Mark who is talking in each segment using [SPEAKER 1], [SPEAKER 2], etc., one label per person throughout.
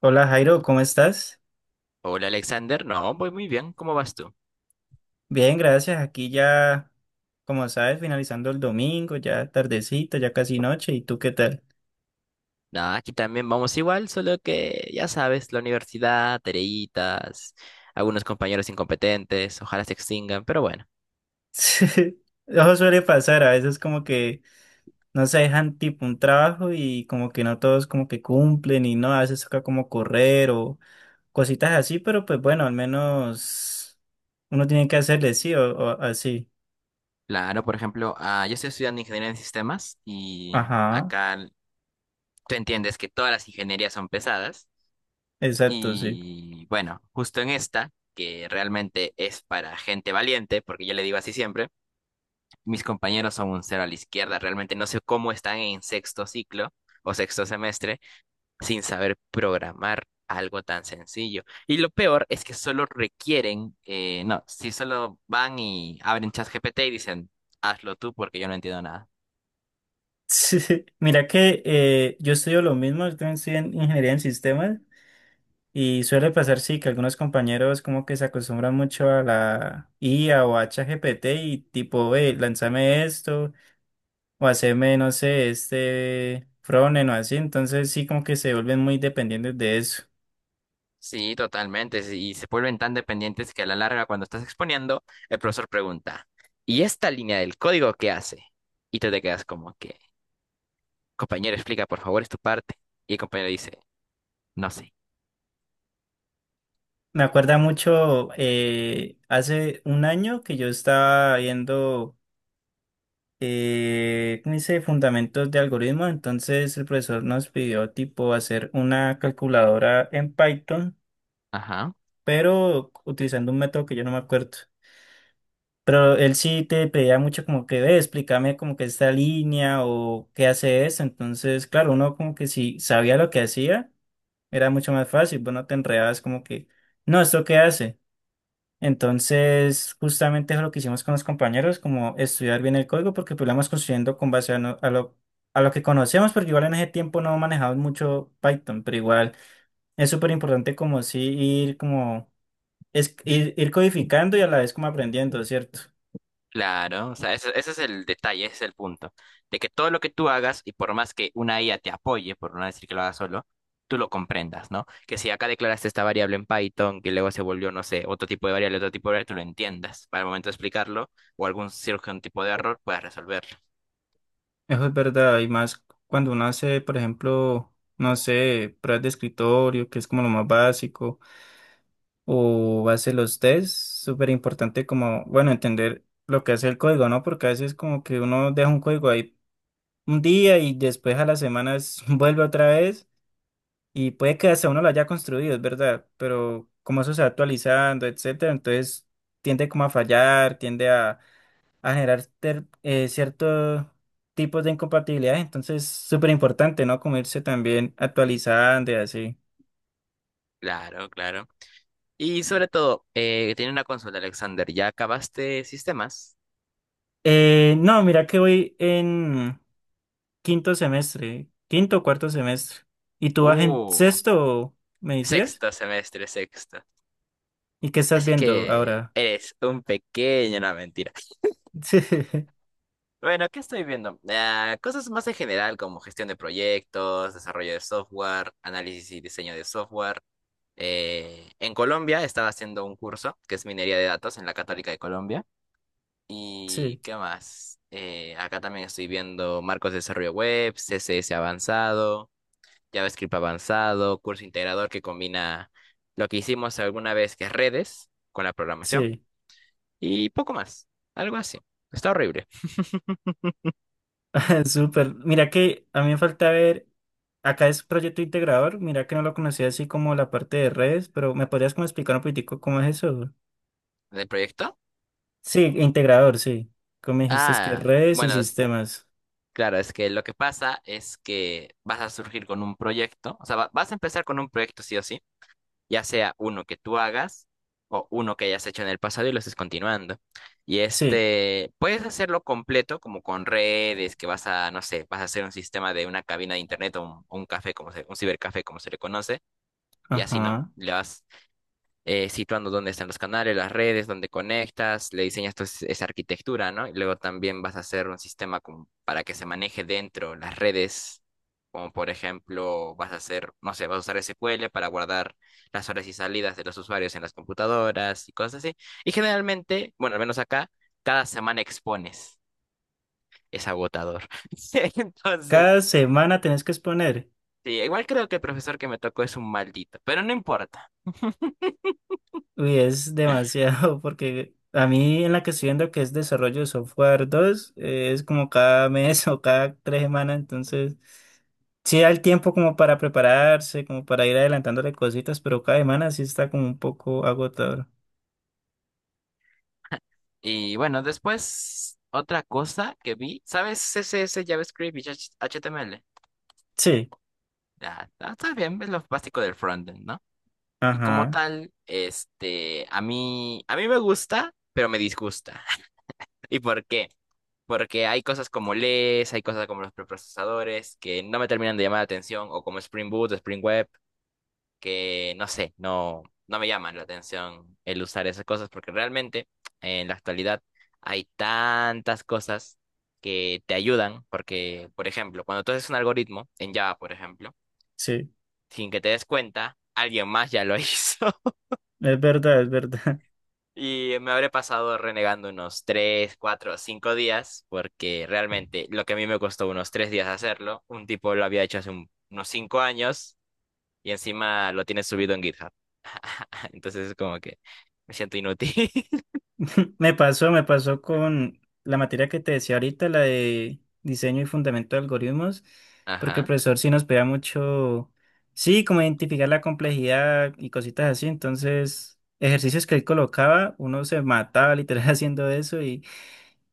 [SPEAKER 1] Hola Jairo, ¿cómo estás?
[SPEAKER 2] Hola Alexander, no, voy muy bien, ¿cómo vas tú?
[SPEAKER 1] Bien, gracias. Aquí ya, como sabes, finalizando el domingo, ya tardecito, ya casi noche. ¿Y tú qué tal?
[SPEAKER 2] Nada, aquí también vamos igual, solo que ya sabes, la universidad, tareitas, algunos compañeros incompetentes, ojalá se extingan, pero bueno.
[SPEAKER 1] Sí, eso suele pasar, a veces como que no se dejan tipo un trabajo y como que no todos como que cumplen y no, a veces toca como correr o cositas así, pero pues bueno, al menos uno tiene que hacerle sí o así.
[SPEAKER 2] Claro, por ejemplo, yo estoy estudiando ingeniería en sistemas y
[SPEAKER 1] Ajá,
[SPEAKER 2] acá l- tú entiendes que todas las ingenierías son pesadas
[SPEAKER 1] exacto, sí.
[SPEAKER 2] y bueno, justo en esta, que realmente es para gente valiente, porque yo le digo así siempre, mis compañeros son un cero a la izquierda, realmente no sé cómo están en sexto ciclo o sexto semestre sin saber programar algo tan sencillo. Y lo peor es que solo requieren, no, si solo van y abren ChatGPT y dicen, hazlo tú porque yo no entiendo nada.
[SPEAKER 1] Sí, mira que yo estudio lo mismo, yo también estoy en ingeniería en sistemas. Y suele pasar, sí, que algunos compañeros como que se acostumbran mucho a la IA o a ChatGPT y tipo, lánzame esto o haceme, no sé, este frontend o así. Entonces sí como que se vuelven muy dependientes de eso.
[SPEAKER 2] Sí, totalmente. Sí, y se vuelven tan dependientes que a la larga, cuando estás exponiendo, el profesor pregunta, ¿y esta línea del código qué hace? Y tú te quedas como que, compañero, explica, por favor, es tu parte. Y el compañero dice, no sé.
[SPEAKER 1] Me acuerda mucho hace un año que yo estaba viendo, ¿cómo dice? Fundamentos de algoritmo. Entonces el profesor nos pidió tipo hacer una calculadora en Python,
[SPEAKER 2] Ajá.
[SPEAKER 1] pero utilizando un método que yo no me acuerdo. Pero él sí te pedía mucho como que, ve, explícame como que esta línea o qué hace esto. Entonces, claro, uno como que si sabía lo que hacía, era mucho más fácil. Vos no te enredabas como que, no, ¿esto qué hace? Entonces, justamente es lo que hicimos con los compañeros, como estudiar bien el código, porque pues lo vamos construyendo con base a, no- a lo que conocemos, porque igual en ese tiempo no manejamos mucho Python, pero igual es súper importante como sí ir como, ir codificando y a la vez como aprendiendo, ¿cierto?
[SPEAKER 2] Claro, o sea, ese es el detalle, ese es el punto, de que todo lo que tú hagas, y por más que una IA te apoye, por no decir que lo hagas solo, tú lo comprendas, ¿no? Que si acá declaraste esta variable en Python, que luego se volvió, no sé, otro tipo de variable, tú lo entiendas para el momento de explicarlo, o algún cierto tipo de error, puedas resolverlo.
[SPEAKER 1] Eso es verdad, y más cuando uno hace, por ejemplo, no sé, pruebas de escritorio, que es como lo más básico, o hace los tests, súper importante como, bueno, entender lo que hace el código, ¿no? Porque a veces como que uno deja un código ahí un día y después a las semanas vuelve otra vez y puede que hasta uno lo haya construido, es verdad, pero como eso se va actualizando, etcétera, entonces tiende como a fallar, tiende a generar ciertos tipos de incompatibilidades. Entonces, súper importante, ¿no? Como irse también actualizando y así.
[SPEAKER 2] Claro, claro. Y sobre todo, tiene una consulta, Alexander, ¿ya acabaste sistemas?
[SPEAKER 1] No, mira que voy en quinto semestre, quinto o cuarto semestre. ¿Y tú vas en
[SPEAKER 2] Uh,
[SPEAKER 1] sexto, me decías?
[SPEAKER 2] sexto semestre, sexto.
[SPEAKER 1] ¿Y qué estás
[SPEAKER 2] Así
[SPEAKER 1] viendo
[SPEAKER 2] que
[SPEAKER 1] ahora?
[SPEAKER 2] eres un pequeño, no, mentira. Bueno, ¿qué estoy viendo? Cosas más en general como gestión de proyectos, desarrollo de software, análisis y diseño de software. En Colombia estaba haciendo un curso que es minería de datos en la Católica de Colombia.
[SPEAKER 1] Sí,
[SPEAKER 2] ¿Y
[SPEAKER 1] sí,
[SPEAKER 2] qué más? Acá también estoy viendo marcos de desarrollo web, CSS avanzado, JavaScript avanzado, curso integrador que combina lo que hicimos alguna vez que es redes con la programación
[SPEAKER 1] sí.
[SPEAKER 2] y poco más. Algo así. Está horrible.
[SPEAKER 1] Súper. Mira que a mí me falta ver, acá es proyecto integrador, mira que no lo conocía así como la parte de redes, pero ¿me podrías como explicar un poquitico cómo es eso?
[SPEAKER 2] ¿El proyecto?
[SPEAKER 1] Sí, integrador, sí. Como me dijiste es que redes y
[SPEAKER 2] Bueno.
[SPEAKER 1] sistemas.
[SPEAKER 2] Claro, es que lo que pasa es que vas a surgir con un proyecto, o sea, vas a empezar con un proyecto sí o sí, ya sea uno que tú hagas o uno que hayas hecho en el pasado y lo estés continuando. Y
[SPEAKER 1] Sí,
[SPEAKER 2] este, puedes hacerlo completo, como con redes, que vas a, no sé, vas a hacer un sistema de una cabina de internet o un café, como se, un cibercafé, como se le conoce, y así, ¿no?
[SPEAKER 1] ajá.
[SPEAKER 2] Le vas situando dónde están los canales, las redes, dónde conectas, le diseñas toda esa arquitectura, ¿no? Y luego también vas a hacer un sistema como para que se maneje dentro las redes, como por ejemplo, vas a hacer, no sé, vas a usar SQL para guardar las horas y salidas de los usuarios en las computadoras y cosas así. Y generalmente, bueno, al menos acá, cada semana expones. Es agotador. Entonces,
[SPEAKER 1] Cada semana tenés que exponer.
[SPEAKER 2] sí, igual creo que el profesor que me tocó es un maldito, pero no importa.
[SPEAKER 1] Uy, es demasiado, porque a mí en la que estoy viendo que es desarrollo de software 2, es como cada mes o cada 3 semanas, entonces sí da el tiempo como para prepararse, como para ir adelantándole cositas, pero cada semana sí está como un poco agotador.
[SPEAKER 2] Y bueno, después otra cosa que vi, ¿sabes? CSS, JavaScript y HTML.
[SPEAKER 1] Sí,
[SPEAKER 2] Ya, está bien, es lo básico del frontend, ¿no? Y como
[SPEAKER 1] ajá,
[SPEAKER 2] tal, este, a mí me gusta, pero me disgusta. ¿Y por qué? Porque hay cosas como LES, hay cosas como los preprocesadores que no me terminan de llamar la atención, o como Spring Boot, Spring Web, que no sé, no me llaman la atención el usar esas cosas porque realmente en la actualidad hay tantas cosas que te ayudan porque, por ejemplo, cuando tú haces un algoritmo en Java, por ejemplo,
[SPEAKER 1] sí,
[SPEAKER 2] sin que te des cuenta, alguien más ya lo hizo
[SPEAKER 1] es verdad, es verdad.
[SPEAKER 2] y me habré pasado renegando unos 3 4 5 días porque realmente lo que a mí me costó unos 3 días hacerlo, un tipo lo había hecho hace unos 5 años y encima lo tienes subido en GitHub. Entonces es como que me siento inútil.
[SPEAKER 1] Me pasó con la materia que te decía ahorita, la de diseño y fundamento de algoritmos, porque el
[SPEAKER 2] Ajá,
[SPEAKER 1] profesor sí nos pedía mucho, sí, como identificar la complejidad y cositas así, entonces ejercicios que él colocaba, uno se mataba literal haciendo eso.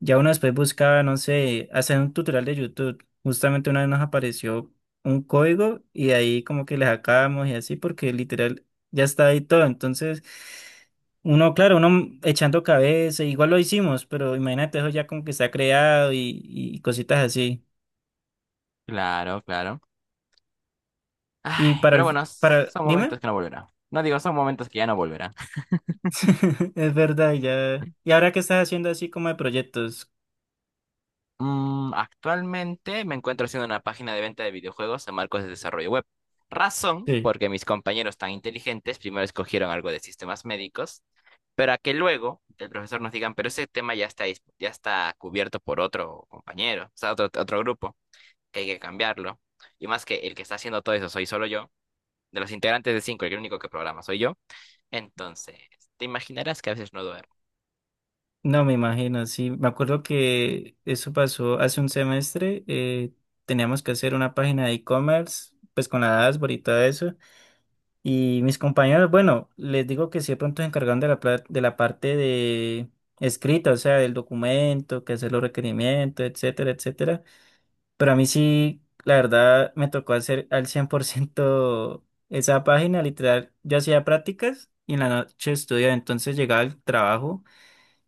[SPEAKER 1] Ya uno después buscaba, no sé, hacer un tutorial de YouTube. Justamente una vez nos apareció un código y de ahí como que le sacábamos y así porque literal ya está ahí todo. Entonces, uno, claro, uno echando cabeza, igual lo hicimos, pero imagínate eso ya como que está creado y cositas así.
[SPEAKER 2] claro, claro.
[SPEAKER 1] Y
[SPEAKER 2] Ay,
[SPEAKER 1] para
[SPEAKER 2] pero
[SPEAKER 1] el,
[SPEAKER 2] bueno,
[SPEAKER 1] para,
[SPEAKER 2] son
[SPEAKER 1] dime,
[SPEAKER 2] momentos que no volverá. No digo, son momentos que ya no volverá.
[SPEAKER 1] es verdad, ya. ¿Y ahora qué estás haciendo así como de proyectos?
[SPEAKER 2] Actualmente me encuentro haciendo una página de venta de videojuegos en marcos de desarrollo web. Razón, porque mis compañeros tan inteligentes primero escogieron algo de sistemas médicos, pero a que luego el profesor nos digan, pero ese tema ya está, ya está cubierto por otro compañero, o sea, otro grupo, que hay que cambiarlo. Y más que el que está haciendo todo eso soy solo yo. De los integrantes de cinco, el único que programa soy yo. Entonces, te imaginarás que a veces no duermo.
[SPEAKER 1] No, me imagino, sí. Me acuerdo que eso pasó hace un semestre. Teníamos que hacer una página de e-commerce, pues con la dashboard y todo eso. Y mis compañeros, bueno, les digo que sí, de pronto se encargaron de la parte de escrita, o sea, del documento, que hacer los requerimientos, etcétera, etcétera. Pero a mí sí, la verdad, me tocó hacer al 100% esa página, literal. Yo hacía prácticas y en la noche estudiaba, entonces llegaba al trabajo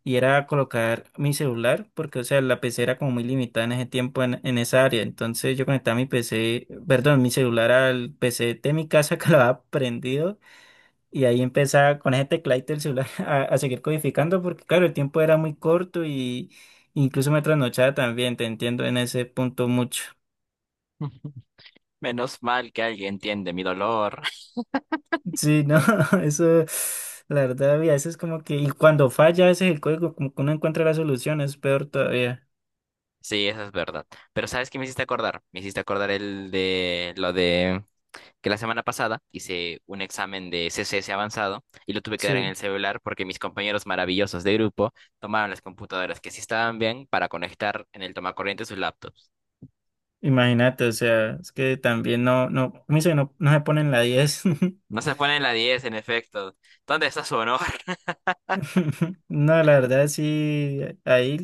[SPEAKER 1] y era colocar mi celular, porque, o sea, la PC era como muy limitada en ese tiempo en esa área. Entonces yo conectaba mi PC, perdón, mi celular al PC de mi casa que lo había prendido y ahí empezaba con ese tecladito del celular a seguir codificando, porque, claro, el tiempo era muy corto y incluso me trasnochaba también, te entiendo en ese punto mucho.
[SPEAKER 2] Menos mal que alguien entiende mi dolor.
[SPEAKER 1] Sí, no, eso, la verdad, a veces como que, y cuando falla, ese es el código, como que uno encuentra la solución, es peor todavía.
[SPEAKER 2] Sí, eso es verdad. Pero ¿sabes qué me hiciste acordar? Me hiciste acordar el de lo de que la semana pasada hice un examen de CSS avanzado y lo tuve que dar en
[SPEAKER 1] Sí.
[SPEAKER 2] el celular porque mis compañeros maravillosos de grupo tomaron las computadoras que sí estaban bien para conectar en el tomacorriente sus laptops.
[SPEAKER 1] Imagínate, o sea, es que también no, no, como dice, no, no se ponen la 10.
[SPEAKER 2] No se pone en la 10 en efecto. ¿Dónde está su honor?
[SPEAKER 1] No, la verdad sí, ahí,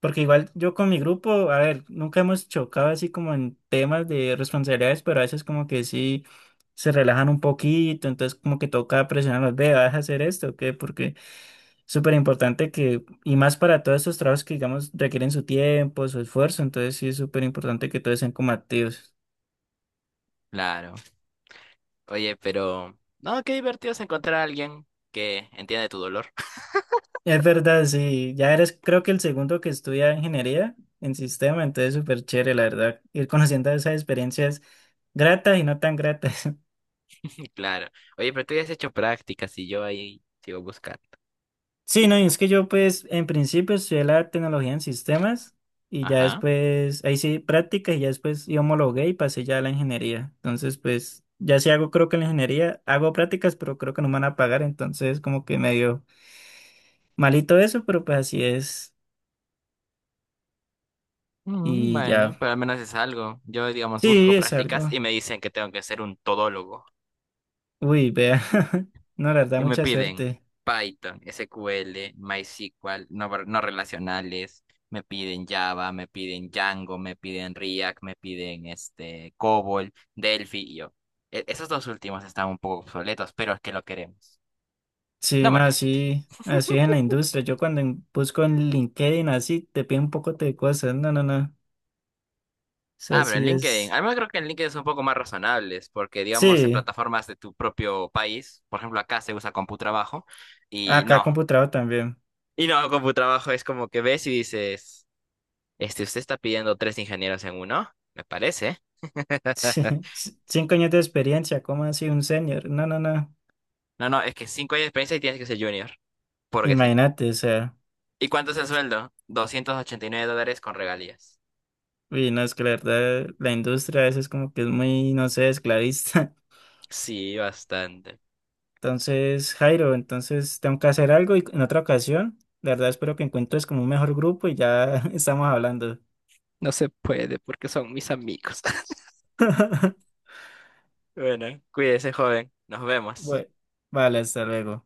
[SPEAKER 1] porque igual yo con mi grupo, a ver, nunca hemos chocado así como en temas de responsabilidades, pero a veces como que sí se relajan un poquito, entonces como que toca presionarlos, ve, vas a hacer esto, ¿o qué? Porque es súper importante que, y más para todos estos trabajos que, digamos, requieren su tiempo, su esfuerzo, entonces sí es súper importante que todos sean como activos.
[SPEAKER 2] Claro. Oye, pero... No, qué divertido es encontrar a alguien que entiende tu dolor.
[SPEAKER 1] Es verdad, sí, ya eres creo que el segundo que estudia ingeniería en sistema, entonces súper chévere, la verdad, ir conociendo esas experiencias gratas y no tan gratas.
[SPEAKER 2] Claro. Oye, pero tú ya has hecho prácticas y yo ahí sigo buscando.
[SPEAKER 1] Sí, no, y es que yo pues en principio estudié la tecnología en sistemas y ya
[SPEAKER 2] Ajá.
[SPEAKER 1] después, ahí sí, prácticas y ya después yo homologué y pasé ya a la ingeniería. Entonces pues ya sí hago creo que en la ingeniería hago prácticas, pero creo que no me van a pagar, entonces como que medio malito eso, pero pues así es y
[SPEAKER 2] Bueno,
[SPEAKER 1] ya,
[SPEAKER 2] pero al menos es algo. Yo, digamos,
[SPEAKER 1] sí,
[SPEAKER 2] busco
[SPEAKER 1] es
[SPEAKER 2] prácticas y
[SPEAKER 1] algo.
[SPEAKER 2] me dicen que tengo que ser un todólogo.
[SPEAKER 1] Uy, vea. No, la verdad,
[SPEAKER 2] Y me
[SPEAKER 1] mucha
[SPEAKER 2] piden
[SPEAKER 1] suerte.
[SPEAKER 2] Python, SQL, MySQL, no, no relacionales, me piden Java, me piden Django, me piden React, me piden este COBOL, Delphi y yo. Esos dos últimos están un poco obsoletos, pero es que lo queremos.
[SPEAKER 1] Sí,
[SPEAKER 2] No
[SPEAKER 1] no,
[SPEAKER 2] moleste.
[SPEAKER 1] así, así es en la industria. Yo cuando busco en LinkedIn así, te piden un poco de cosas. No, no, no. O sea,
[SPEAKER 2] Ah, pero en
[SPEAKER 1] sí
[SPEAKER 2] LinkedIn,
[SPEAKER 1] es.
[SPEAKER 2] al menos creo que en LinkedIn son un poco más razonables, porque digamos en
[SPEAKER 1] Sí,
[SPEAKER 2] plataformas de tu propio país, por ejemplo acá se usa CompuTrabajo, y
[SPEAKER 1] acá
[SPEAKER 2] no,
[SPEAKER 1] computador también.
[SPEAKER 2] y no, CompuTrabajo es como que ves y dices... Este, usted está pidiendo tres ingenieros en uno, me parece.
[SPEAKER 1] Sí, 5 años de experiencia, ¿cómo así un senior? No, no, no.
[SPEAKER 2] No, no, es que 5 años de experiencia y tienes que ser junior, porque sí.
[SPEAKER 1] Imagínate, o sea.
[SPEAKER 2] ¿Y cuánto es el sueldo? $289 con regalías.
[SPEAKER 1] Uy, no, es que la verdad, la industria a veces como que es muy, no sé, esclavista.
[SPEAKER 2] Sí, bastante.
[SPEAKER 1] Entonces, Jairo, entonces tengo que hacer algo y en otra ocasión, la verdad espero que encuentres como un mejor grupo y ya estamos hablando.
[SPEAKER 2] No se puede porque son mis amigos. Bueno, cuídese, joven. Nos vemos.
[SPEAKER 1] Bueno, vale, hasta luego.